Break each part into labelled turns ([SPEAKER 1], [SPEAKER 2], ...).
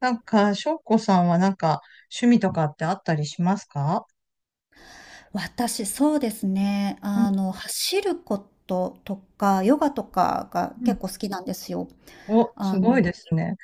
[SPEAKER 1] なんか、翔子さんはなんか、趣味とかってあったりしますか？
[SPEAKER 2] 私、そうですね。
[SPEAKER 1] うん。
[SPEAKER 2] 走ることとか、ヨガとかが
[SPEAKER 1] う
[SPEAKER 2] 結
[SPEAKER 1] ん。
[SPEAKER 2] 構好きなんですよ。
[SPEAKER 1] お、す
[SPEAKER 2] あの、
[SPEAKER 1] ごいですね。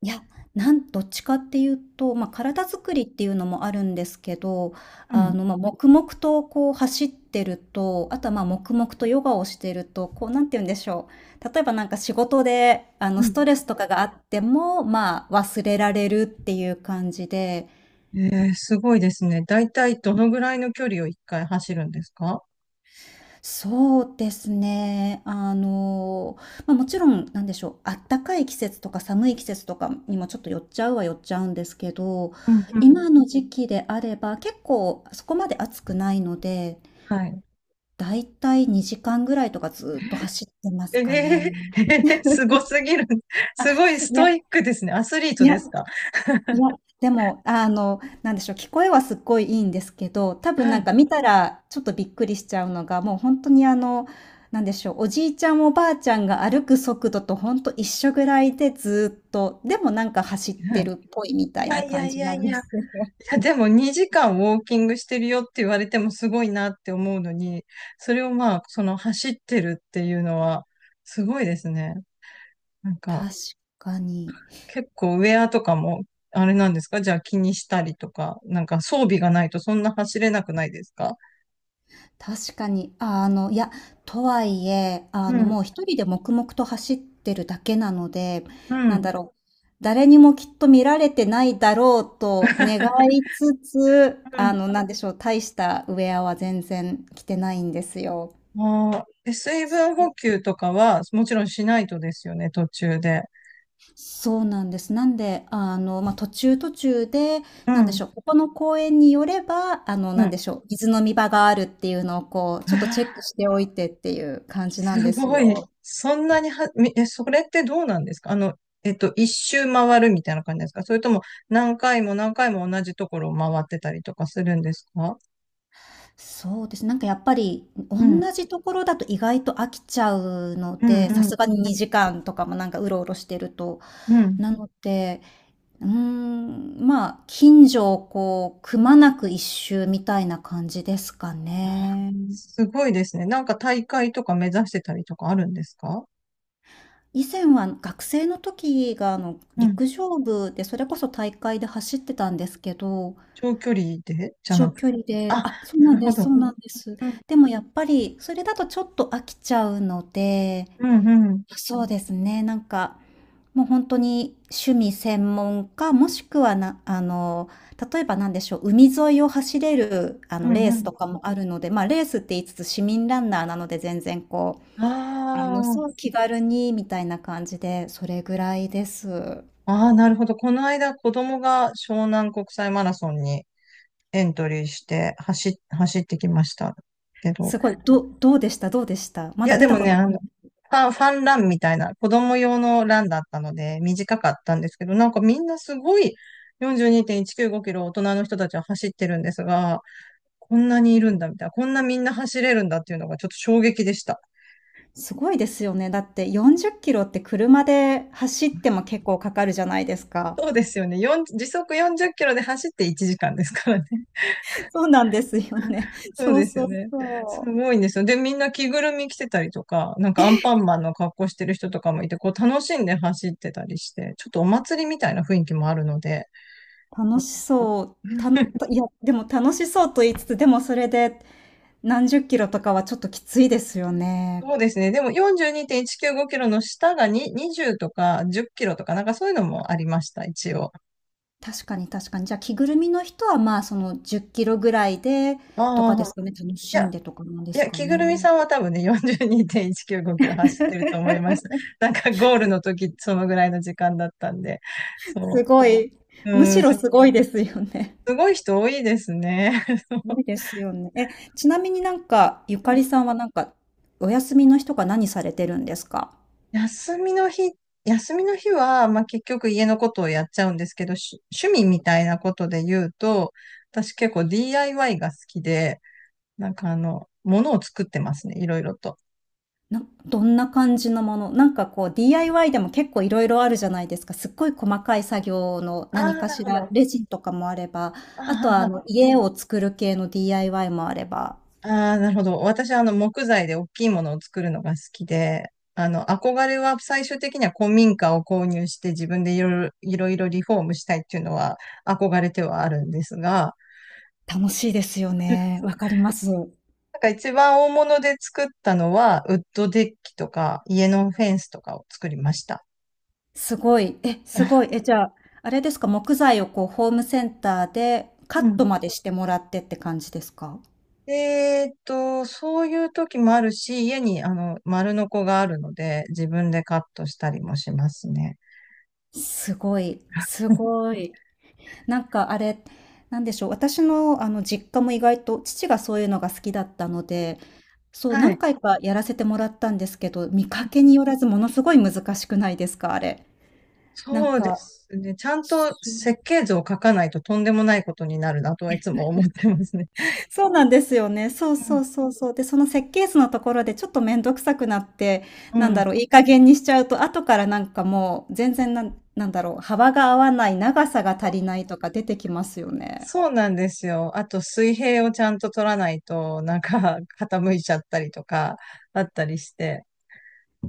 [SPEAKER 2] いや、どっちかっていうと、まあ、体作りっていうのもあるんですけど、
[SPEAKER 1] うん。
[SPEAKER 2] まあ、黙々とこう走ってると、あとはまあ、黙々とヨガをしてると、こう、なんて言うんでしょう。例えばなんか仕事で、
[SPEAKER 1] う
[SPEAKER 2] ス
[SPEAKER 1] ん。
[SPEAKER 2] トレスとかがあっても、まあ、忘れられるっていう感じで、
[SPEAKER 1] うん。えー、すごいですね。だいたいどのぐらいの距離を一回走るんですか？
[SPEAKER 2] そうですね。まあ、もちろん、なんでしょう、あったかい季節とか寒い季節とかにもちょっと寄っちゃうは寄っちゃうんですけど、
[SPEAKER 1] うん。うん。
[SPEAKER 2] 今の時期であれば、結構そこまで暑くないので、
[SPEAKER 1] はい。
[SPEAKER 2] だいたい2時間ぐらいとかずっと走ってます
[SPEAKER 1] えー、
[SPEAKER 2] かね。
[SPEAKER 1] えーすごす ぎる。
[SPEAKER 2] あ、
[SPEAKER 1] すごいス
[SPEAKER 2] いや
[SPEAKER 1] トイックですね。アスリー
[SPEAKER 2] い
[SPEAKER 1] ト
[SPEAKER 2] や
[SPEAKER 1] ですか？
[SPEAKER 2] いや、でも、なんでしょう、聞こえはすっごいいいんですけど、多
[SPEAKER 1] う
[SPEAKER 2] 分
[SPEAKER 1] ん。
[SPEAKER 2] なん
[SPEAKER 1] う
[SPEAKER 2] か見たらちょっとびっくりしちゃうのが、もう本当にあの、なんでしょう、おじいちゃんおばあちゃんが歩く速度とほんと一緒ぐらいでずっと、でもなんか走って
[SPEAKER 1] ん。
[SPEAKER 2] るっぽいみ
[SPEAKER 1] い
[SPEAKER 2] たい
[SPEAKER 1] や
[SPEAKER 2] な
[SPEAKER 1] いや
[SPEAKER 2] 感
[SPEAKER 1] い
[SPEAKER 2] じな
[SPEAKER 1] やい
[SPEAKER 2] んで
[SPEAKER 1] や。い
[SPEAKER 2] すね。
[SPEAKER 1] や、でも2時間ウォーキングしてるよって言われてもすごいなって思うのに、それをまあ、その走ってるっていうのは、すごいですね。なんか、
[SPEAKER 2] 確かに。
[SPEAKER 1] 結構ウェアとかも、あれなんですか？じゃあ気にしたりとか、なんか装備がないとそんな走れなくないですか？
[SPEAKER 2] 確かに。あ、いや、とはいえ、
[SPEAKER 1] う
[SPEAKER 2] も
[SPEAKER 1] ん。
[SPEAKER 2] う一人で黙々と走ってるだけなので、
[SPEAKER 1] う
[SPEAKER 2] なんだ
[SPEAKER 1] ん。
[SPEAKER 2] ろう、誰にもきっと見られてないだろうと願いつつ、
[SPEAKER 1] うん。
[SPEAKER 2] なんでしょう、大したウェアは全然着てないんですよ。
[SPEAKER 1] ああ。で水分補給とかは、もちろんしないとですよね、途中で。
[SPEAKER 2] そうなんです。なんで、まあ、途中途中で、
[SPEAKER 1] う
[SPEAKER 2] なんでし
[SPEAKER 1] ん。
[SPEAKER 2] ょう、ここの公園によれば、
[SPEAKER 1] う
[SPEAKER 2] なんで
[SPEAKER 1] ん。
[SPEAKER 2] しょう、水飲み場があるっていうのをこう、ちょっとチェッ クしておいてっていう感じなん
[SPEAKER 1] す
[SPEAKER 2] です
[SPEAKER 1] ごい。
[SPEAKER 2] よ。
[SPEAKER 1] そんなには、みえ、それってどうなんですか？一周回るみたいな感じですか？それとも何回も何回も同じところを回ってたりとかするんですか？
[SPEAKER 2] そうですね。なんかやっぱり、同
[SPEAKER 1] うん。
[SPEAKER 2] じところだと意外と飽きちゃうの
[SPEAKER 1] うん。
[SPEAKER 2] で、さ
[SPEAKER 1] うん。
[SPEAKER 2] すがに2時間とかもなんかうろうろしてると。
[SPEAKER 1] うん。
[SPEAKER 2] なので、うーん、まあ、近所をこう、くまなく一周みたいな感じですかね。
[SPEAKER 1] すごいですね。なんか大会とか目指してたりとかあるんですか？
[SPEAKER 2] 以前は学生の時があの
[SPEAKER 1] うん。
[SPEAKER 2] 陸上部でそれこそ大会で走ってたんですけど、
[SPEAKER 1] 長距離でじゃ
[SPEAKER 2] 長
[SPEAKER 1] なく、
[SPEAKER 2] 距離で、
[SPEAKER 1] あ、
[SPEAKER 2] あ、そう
[SPEAKER 1] な
[SPEAKER 2] なん
[SPEAKER 1] る
[SPEAKER 2] で
[SPEAKER 1] ほ
[SPEAKER 2] す、そ
[SPEAKER 1] ど。
[SPEAKER 2] うなんです。
[SPEAKER 1] うん。
[SPEAKER 2] でもやっぱりそれだとちょっと飽きちゃうので、
[SPEAKER 1] うん。うん。
[SPEAKER 2] そうですね。なんか、もう本当に趣味専門か、もしくはな例えばなんでしょう、海沿いを走れる、
[SPEAKER 1] う
[SPEAKER 2] レ
[SPEAKER 1] ん。
[SPEAKER 2] ー
[SPEAKER 1] う
[SPEAKER 2] ス
[SPEAKER 1] ん。
[SPEAKER 2] とかもあるので、まあ、レースって言いつつ市民ランナーなので、全然こう、
[SPEAKER 1] あ
[SPEAKER 2] そう、気軽にみたいな感じで、それぐらいです。
[SPEAKER 1] あ、ああ、なるほど。この間、子供が湘南国際マラソンにエントリーして走ってきましたけど。
[SPEAKER 2] すごい、どどうでした？ま
[SPEAKER 1] い
[SPEAKER 2] だ
[SPEAKER 1] や、
[SPEAKER 2] 出
[SPEAKER 1] で
[SPEAKER 2] た
[SPEAKER 1] も
[SPEAKER 2] こ
[SPEAKER 1] ね、
[SPEAKER 2] とない。
[SPEAKER 1] ファンランみたいな、子供用のランだったので、短かったんですけど、なんかみんなすごい42.195キロ大人の人たちは走ってるんですが、こんなにいるんだみたいな、こんなみんな走れるんだっていうのがちょっと衝撃でした。
[SPEAKER 2] すごいですよね。だって40キロって車で走っても結構かかるじゃないですか。
[SPEAKER 1] そうですよね。時速40キロで走って1時間ですからね。
[SPEAKER 2] そうなんですよね。
[SPEAKER 1] そう
[SPEAKER 2] そう
[SPEAKER 1] です
[SPEAKER 2] そ
[SPEAKER 1] よ
[SPEAKER 2] う
[SPEAKER 1] ね。す
[SPEAKER 2] そう。
[SPEAKER 1] ごいんですよ。で、みんな着ぐるみ着てたりとか、なんかアンパンマンの格好してる人とかもいて、こう楽しんで走ってたりして、ちょっとお祭りみたいな雰囲気もあるので、
[SPEAKER 2] 楽しそう。た、いや、でも楽しそうと言いつつ、でもそれで何十キロとかはちょっときついですよね。
[SPEAKER 1] そうですね。でも42.195キロの下がに20とか10キロとか、なんかそういうのもありました、一応。
[SPEAKER 2] 確かに確かに。じゃあ着ぐるみの人はまあその10キロぐらいでとか
[SPEAKER 1] あ
[SPEAKER 2] です
[SPEAKER 1] あ、
[SPEAKER 2] かね。楽
[SPEAKER 1] い
[SPEAKER 2] し
[SPEAKER 1] や、
[SPEAKER 2] んでとかなんで
[SPEAKER 1] い
[SPEAKER 2] す
[SPEAKER 1] や、
[SPEAKER 2] か
[SPEAKER 1] 着ぐ
[SPEAKER 2] ね。
[SPEAKER 1] るみさんは多分ね、42.195キロ走ってると思いました。なんかゴールの時、そのぐらいの時間だったんで、
[SPEAKER 2] す
[SPEAKER 1] そ
[SPEAKER 2] ごい。
[SPEAKER 1] う。
[SPEAKER 2] む
[SPEAKER 1] う
[SPEAKER 2] し
[SPEAKER 1] ん、
[SPEAKER 2] ろすごいですよね。
[SPEAKER 1] すごい人多いですね。
[SPEAKER 2] すご いですよね。え、ちなみになんか、ゆか
[SPEAKER 1] う
[SPEAKER 2] り
[SPEAKER 1] ん。
[SPEAKER 2] さんはなんか、お休みの日とか何されてるんですか？
[SPEAKER 1] 休みの日、休みの日は、まあ、結局家のことをやっちゃうんですけど、趣味みたいなことで言うと、私結構 DIY が好きで、なんか物を作ってますね、いろいろと。
[SPEAKER 2] な、どんな感じのものなんかこう DIY でも結構いろいろあるじゃないですか。すっごい細かい作業の
[SPEAKER 1] あ
[SPEAKER 2] 何
[SPEAKER 1] あ、
[SPEAKER 2] か
[SPEAKER 1] なる
[SPEAKER 2] し
[SPEAKER 1] ほ
[SPEAKER 2] ら、
[SPEAKER 1] ど。
[SPEAKER 2] レジンとかもあれば、
[SPEAKER 1] あー
[SPEAKER 2] あと
[SPEAKER 1] は
[SPEAKER 2] はあ
[SPEAKER 1] は、
[SPEAKER 2] の家を作る系の DIY もあれば、
[SPEAKER 1] あー、なるほど。私は木材で大きいものを作るのが好きで、憧れは最終的には古民家を購入して自分でいろいろリフォームしたいっていうのは憧れてはあるんですが、
[SPEAKER 2] 楽しいですよね。わかります。
[SPEAKER 1] なんか一番大物で作ったのは、ウッドデッキとか、家のフェンスとかを作りました。
[SPEAKER 2] すごい。え、すごい。え、じゃあ、あれですか、木材をこうホームセンターでカ
[SPEAKER 1] う
[SPEAKER 2] ッ
[SPEAKER 1] ん。
[SPEAKER 2] トまでしてもらってって感じですか？
[SPEAKER 1] でそういう時もあるし、家に丸ノコがあるので、自分でカットしたりもしますね。
[SPEAKER 2] すごい、す ごい。なんかあれ、なんでしょう、私のあの実家も意外と父がそういうのが好きだったので、そう、
[SPEAKER 1] は
[SPEAKER 2] 何
[SPEAKER 1] い。
[SPEAKER 2] 回かやらせてもらったんですけど、見
[SPEAKER 1] う
[SPEAKER 2] か
[SPEAKER 1] ん。
[SPEAKER 2] けによらずものすごい難しくないですか？あれ。なん
[SPEAKER 1] そうで
[SPEAKER 2] か
[SPEAKER 1] すね。ちゃんと設計図を書かないととんでもないことになるなとはいつも思ってますね。
[SPEAKER 2] そうなんですよね。そう
[SPEAKER 1] う
[SPEAKER 2] そ
[SPEAKER 1] ん。
[SPEAKER 2] うそうそう。で、その設計図のところでちょっとめんどくさくなって、
[SPEAKER 1] う
[SPEAKER 2] なんだ
[SPEAKER 1] ん。
[SPEAKER 2] ろう、いい加減にしちゃうと、後からなんかもう全然なんなんだろう、幅が合わない、長さが足りないとか出てきますよね。
[SPEAKER 1] そうなんですよ。あと水平をちゃんと取らないと、なんか 傾いちゃったりとか、あったりして。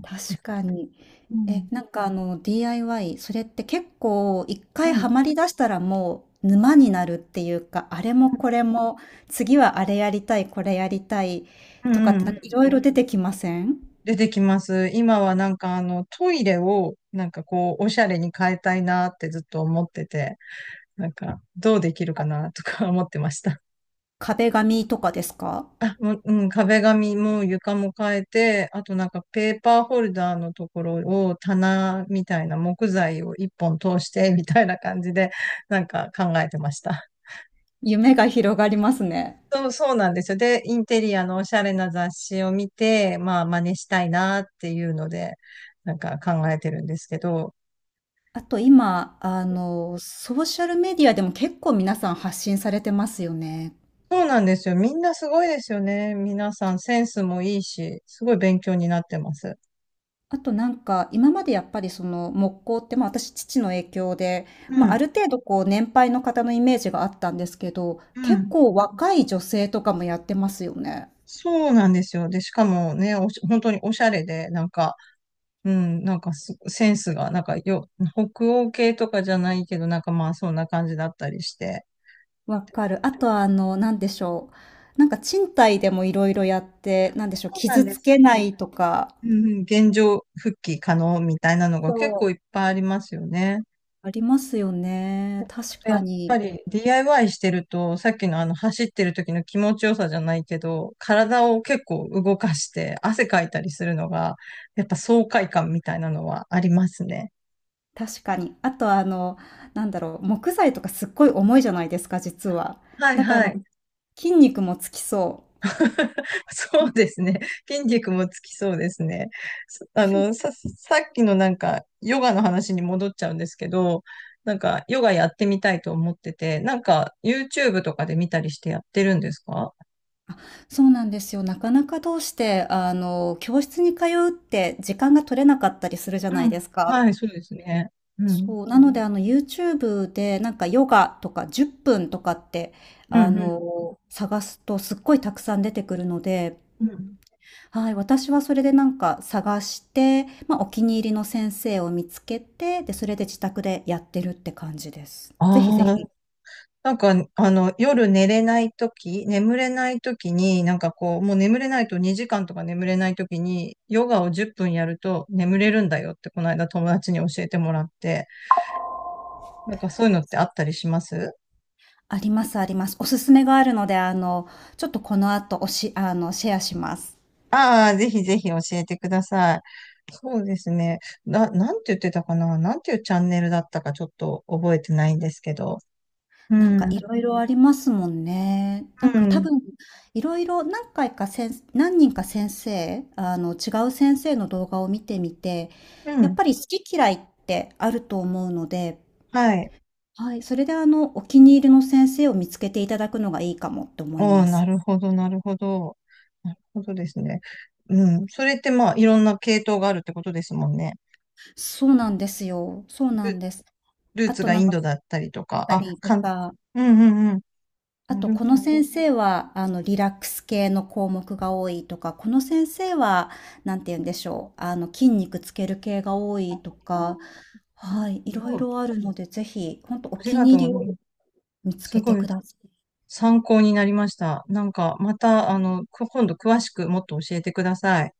[SPEAKER 2] 確かに。
[SPEAKER 1] う
[SPEAKER 2] え、
[SPEAKER 1] ん。
[SPEAKER 2] なんかあの、 DIY、それって結構一
[SPEAKER 1] う
[SPEAKER 2] 回ハ
[SPEAKER 1] ん。
[SPEAKER 2] マりだしたらもう沼になるっていうか、あれもこれも、次はあれやりたい、これやりたい
[SPEAKER 1] うん。
[SPEAKER 2] と
[SPEAKER 1] う
[SPEAKER 2] かって
[SPEAKER 1] ん。
[SPEAKER 2] な
[SPEAKER 1] う
[SPEAKER 2] んかい
[SPEAKER 1] ん。
[SPEAKER 2] ろいろ出てきません？
[SPEAKER 1] 出てきます。今はなんかあのトイレをなんかこうおしゃれに変えたいなってずっと思ってて、なんかどうできるかなとか思ってました。
[SPEAKER 2] 壁紙とかですか？
[SPEAKER 1] あ、もう、うん、壁紙も床も変えて、あとなんかペーパーホルダーのところを棚みたいな木材を一本通してみたいな感じでなんか考えてました。
[SPEAKER 2] 夢が広がりますね。
[SPEAKER 1] そう、そうなんですよ。で、インテリアのおしゃれな雑誌を見て、まあ真似したいなっていうので、なんか考えてるんですけど、
[SPEAKER 2] あと今、ソーシャルメディアでも結構皆さん発信されてますよね。
[SPEAKER 1] そうなんですよ。みんなすごいですよね。皆さんセンスもいいし、すごい勉強になってます。
[SPEAKER 2] あとなんか、今までやっぱりその木工って、まあ、私父の影響で、
[SPEAKER 1] う
[SPEAKER 2] まあ、あ
[SPEAKER 1] ん、
[SPEAKER 2] る程度こう年配の方のイメージがあったんですけど、
[SPEAKER 1] う
[SPEAKER 2] 結
[SPEAKER 1] ん。
[SPEAKER 2] 構若い女性とかもやってますよね。
[SPEAKER 1] そうなんですよ。で、しかもね、本当におしゃれで、なんか、うん、なんかセンスが、なんか北欧系とかじゃないけど、なんかまあそんな感じだったりして。
[SPEAKER 2] わかる。あとはあの、なんでしょう。なんか賃貸でもいろいろやって、なんでしょう、
[SPEAKER 1] そうなん
[SPEAKER 2] 傷
[SPEAKER 1] で
[SPEAKER 2] つ
[SPEAKER 1] す。
[SPEAKER 2] けないとか。
[SPEAKER 1] うん。うん、現状復帰可能みたいなのが
[SPEAKER 2] そ
[SPEAKER 1] 結
[SPEAKER 2] う。
[SPEAKER 1] 構いっぱいありますよね。
[SPEAKER 2] ありますよね。
[SPEAKER 1] あ
[SPEAKER 2] 確
[SPEAKER 1] とや
[SPEAKER 2] か
[SPEAKER 1] っぱ
[SPEAKER 2] に。
[SPEAKER 1] り DIY してると、さっきのあの走ってる時の気持ちよさじゃないけど、体を結構動かして汗かいたりするのが、やっぱ爽快感みたいなのはありますね。
[SPEAKER 2] 確かに。あとはあの、なんだろう、木材とかすっごい重いじゃないですか、実は。
[SPEAKER 1] はい
[SPEAKER 2] だから
[SPEAKER 1] は
[SPEAKER 2] なん
[SPEAKER 1] い。
[SPEAKER 2] か筋肉もつきそう。
[SPEAKER 1] そうですね。筋肉もつきそうですね。そあの、さっきのなんか、ヨガの話に戻っちゃうんですけど、なんか、ヨガやってみたいと思ってて、なんか、YouTube とかで見たりしてやってるんですか？
[SPEAKER 2] そうなんですよ。なかなかどうして、教室に通うって時間が取れなかったりするじゃな
[SPEAKER 1] う
[SPEAKER 2] い
[SPEAKER 1] ん。
[SPEAKER 2] ですか。
[SPEAKER 1] はい、そうですね。うん。
[SPEAKER 2] そう、なので、YouTube で、なんかヨガとか10分とかって、
[SPEAKER 1] うん、うん、
[SPEAKER 2] 探すとすっごいたくさん出てくるので、
[SPEAKER 1] うん。
[SPEAKER 2] はい、私はそれでなんか探して、ま、お気に入りの先生を見つけて、で、それで自宅でやってるって感じです。ぜひぜ
[SPEAKER 1] ああ、
[SPEAKER 2] ひ。
[SPEAKER 1] なんか、夜寝れないとき、眠れないときに、なんかこう、もう眠れないと2時間とか眠れないときに、ヨガを10分やると眠れるんだよって、この間友達に教えてもらって、なんかそういうのってあったりします？
[SPEAKER 2] ありますあります。おすすめがあるので、ちょっとこの後おあの、シェアします。
[SPEAKER 1] ああー、ぜひぜひ教えてください。そうですね。なんて言ってたかな、なんていうチャンネルだったかちょっと覚えてないんですけど。う
[SPEAKER 2] なんか
[SPEAKER 1] ん。
[SPEAKER 2] いろいろありますもんね。なん
[SPEAKER 1] う
[SPEAKER 2] か多
[SPEAKER 1] ん。
[SPEAKER 2] 分いろいろ何回か先何人か先生、あの違う先生の動画を見てみて、
[SPEAKER 1] う
[SPEAKER 2] やっ
[SPEAKER 1] ん。
[SPEAKER 2] ぱり好き嫌いってあると思うので、
[SPEAKER 1] はい。
[SPEAKER 2] はい、それであのお気に入りの先生を見つけていただくのがいいかもって思い
[SPEAKER 1] あ
[SPEAKER 2] ま
[SPEAKER 1] あ、な
[SPEAKER 2] す。
[SPEAKER 1] るほど、なるほど。なるほどですね。うん。それってまあ、いろんな系統があるってことですもんね。
[SPEAKER 2] そうなんですよ。そうなん
[SPEAKER 1] ル、
[SPEAKER 2] です。
[SPEAKER 1] ルー
[SPEAKER 2] あ
[SPEAKER 1] ツ
[SPEAKER 2] と
[SPEAKER 1] が
[SPEAKER 2] な
[SPEAKER 1] イ
[SPEAKER 2] ん
[SPEAKER 1] ン
[SPEAKER 2] か、っ
[SPEAKER 1] ドだったりとか、
[SPEAKER 2] たりとか、
[SPEAKER 1] うん。うん。うん。
[SPEAKER 2] あ
[SPEAKER 1] な
[SPEAKER 2] と、
[SPEAKER 1] る
[SPEAKER 2] こ
[SPEAKER 1] ほ
[SPEAKER 2] の
[SPEAKER 1] ど。
[SPEAKER 2] 先生は、リラックス系の項目が多いとか、この先生は、なんて言うんでしょう、筋肉つける系が多いとか、
[SPEAKER 1] うん。
[SPEAKER 2] はい、いろい
[SPEAKER 1] そう、
[SPEAKER 2] ろあるので、ぜひ、本当お
[SPEAKER 1] あり
[SPEAKER 2] 気
[SPEAKER 1] が
[SPEAKER 2] に
[SPEAKER 1] とう
[SPEAKER 2] 入
[SPEAKER 1] ご
[SPEAKER 2] りを
[SPEAKER 1] ざいます。
[SPEAKER 2] 見つ
[SPEAKER 1] す
[SPEAKER 2] けて
[SPEAKER 1] ごい
[SPEAKER 2] ください。
[SPEAKER 1] 参考になりました。なんか、また、今度詳しくもっと教えてください。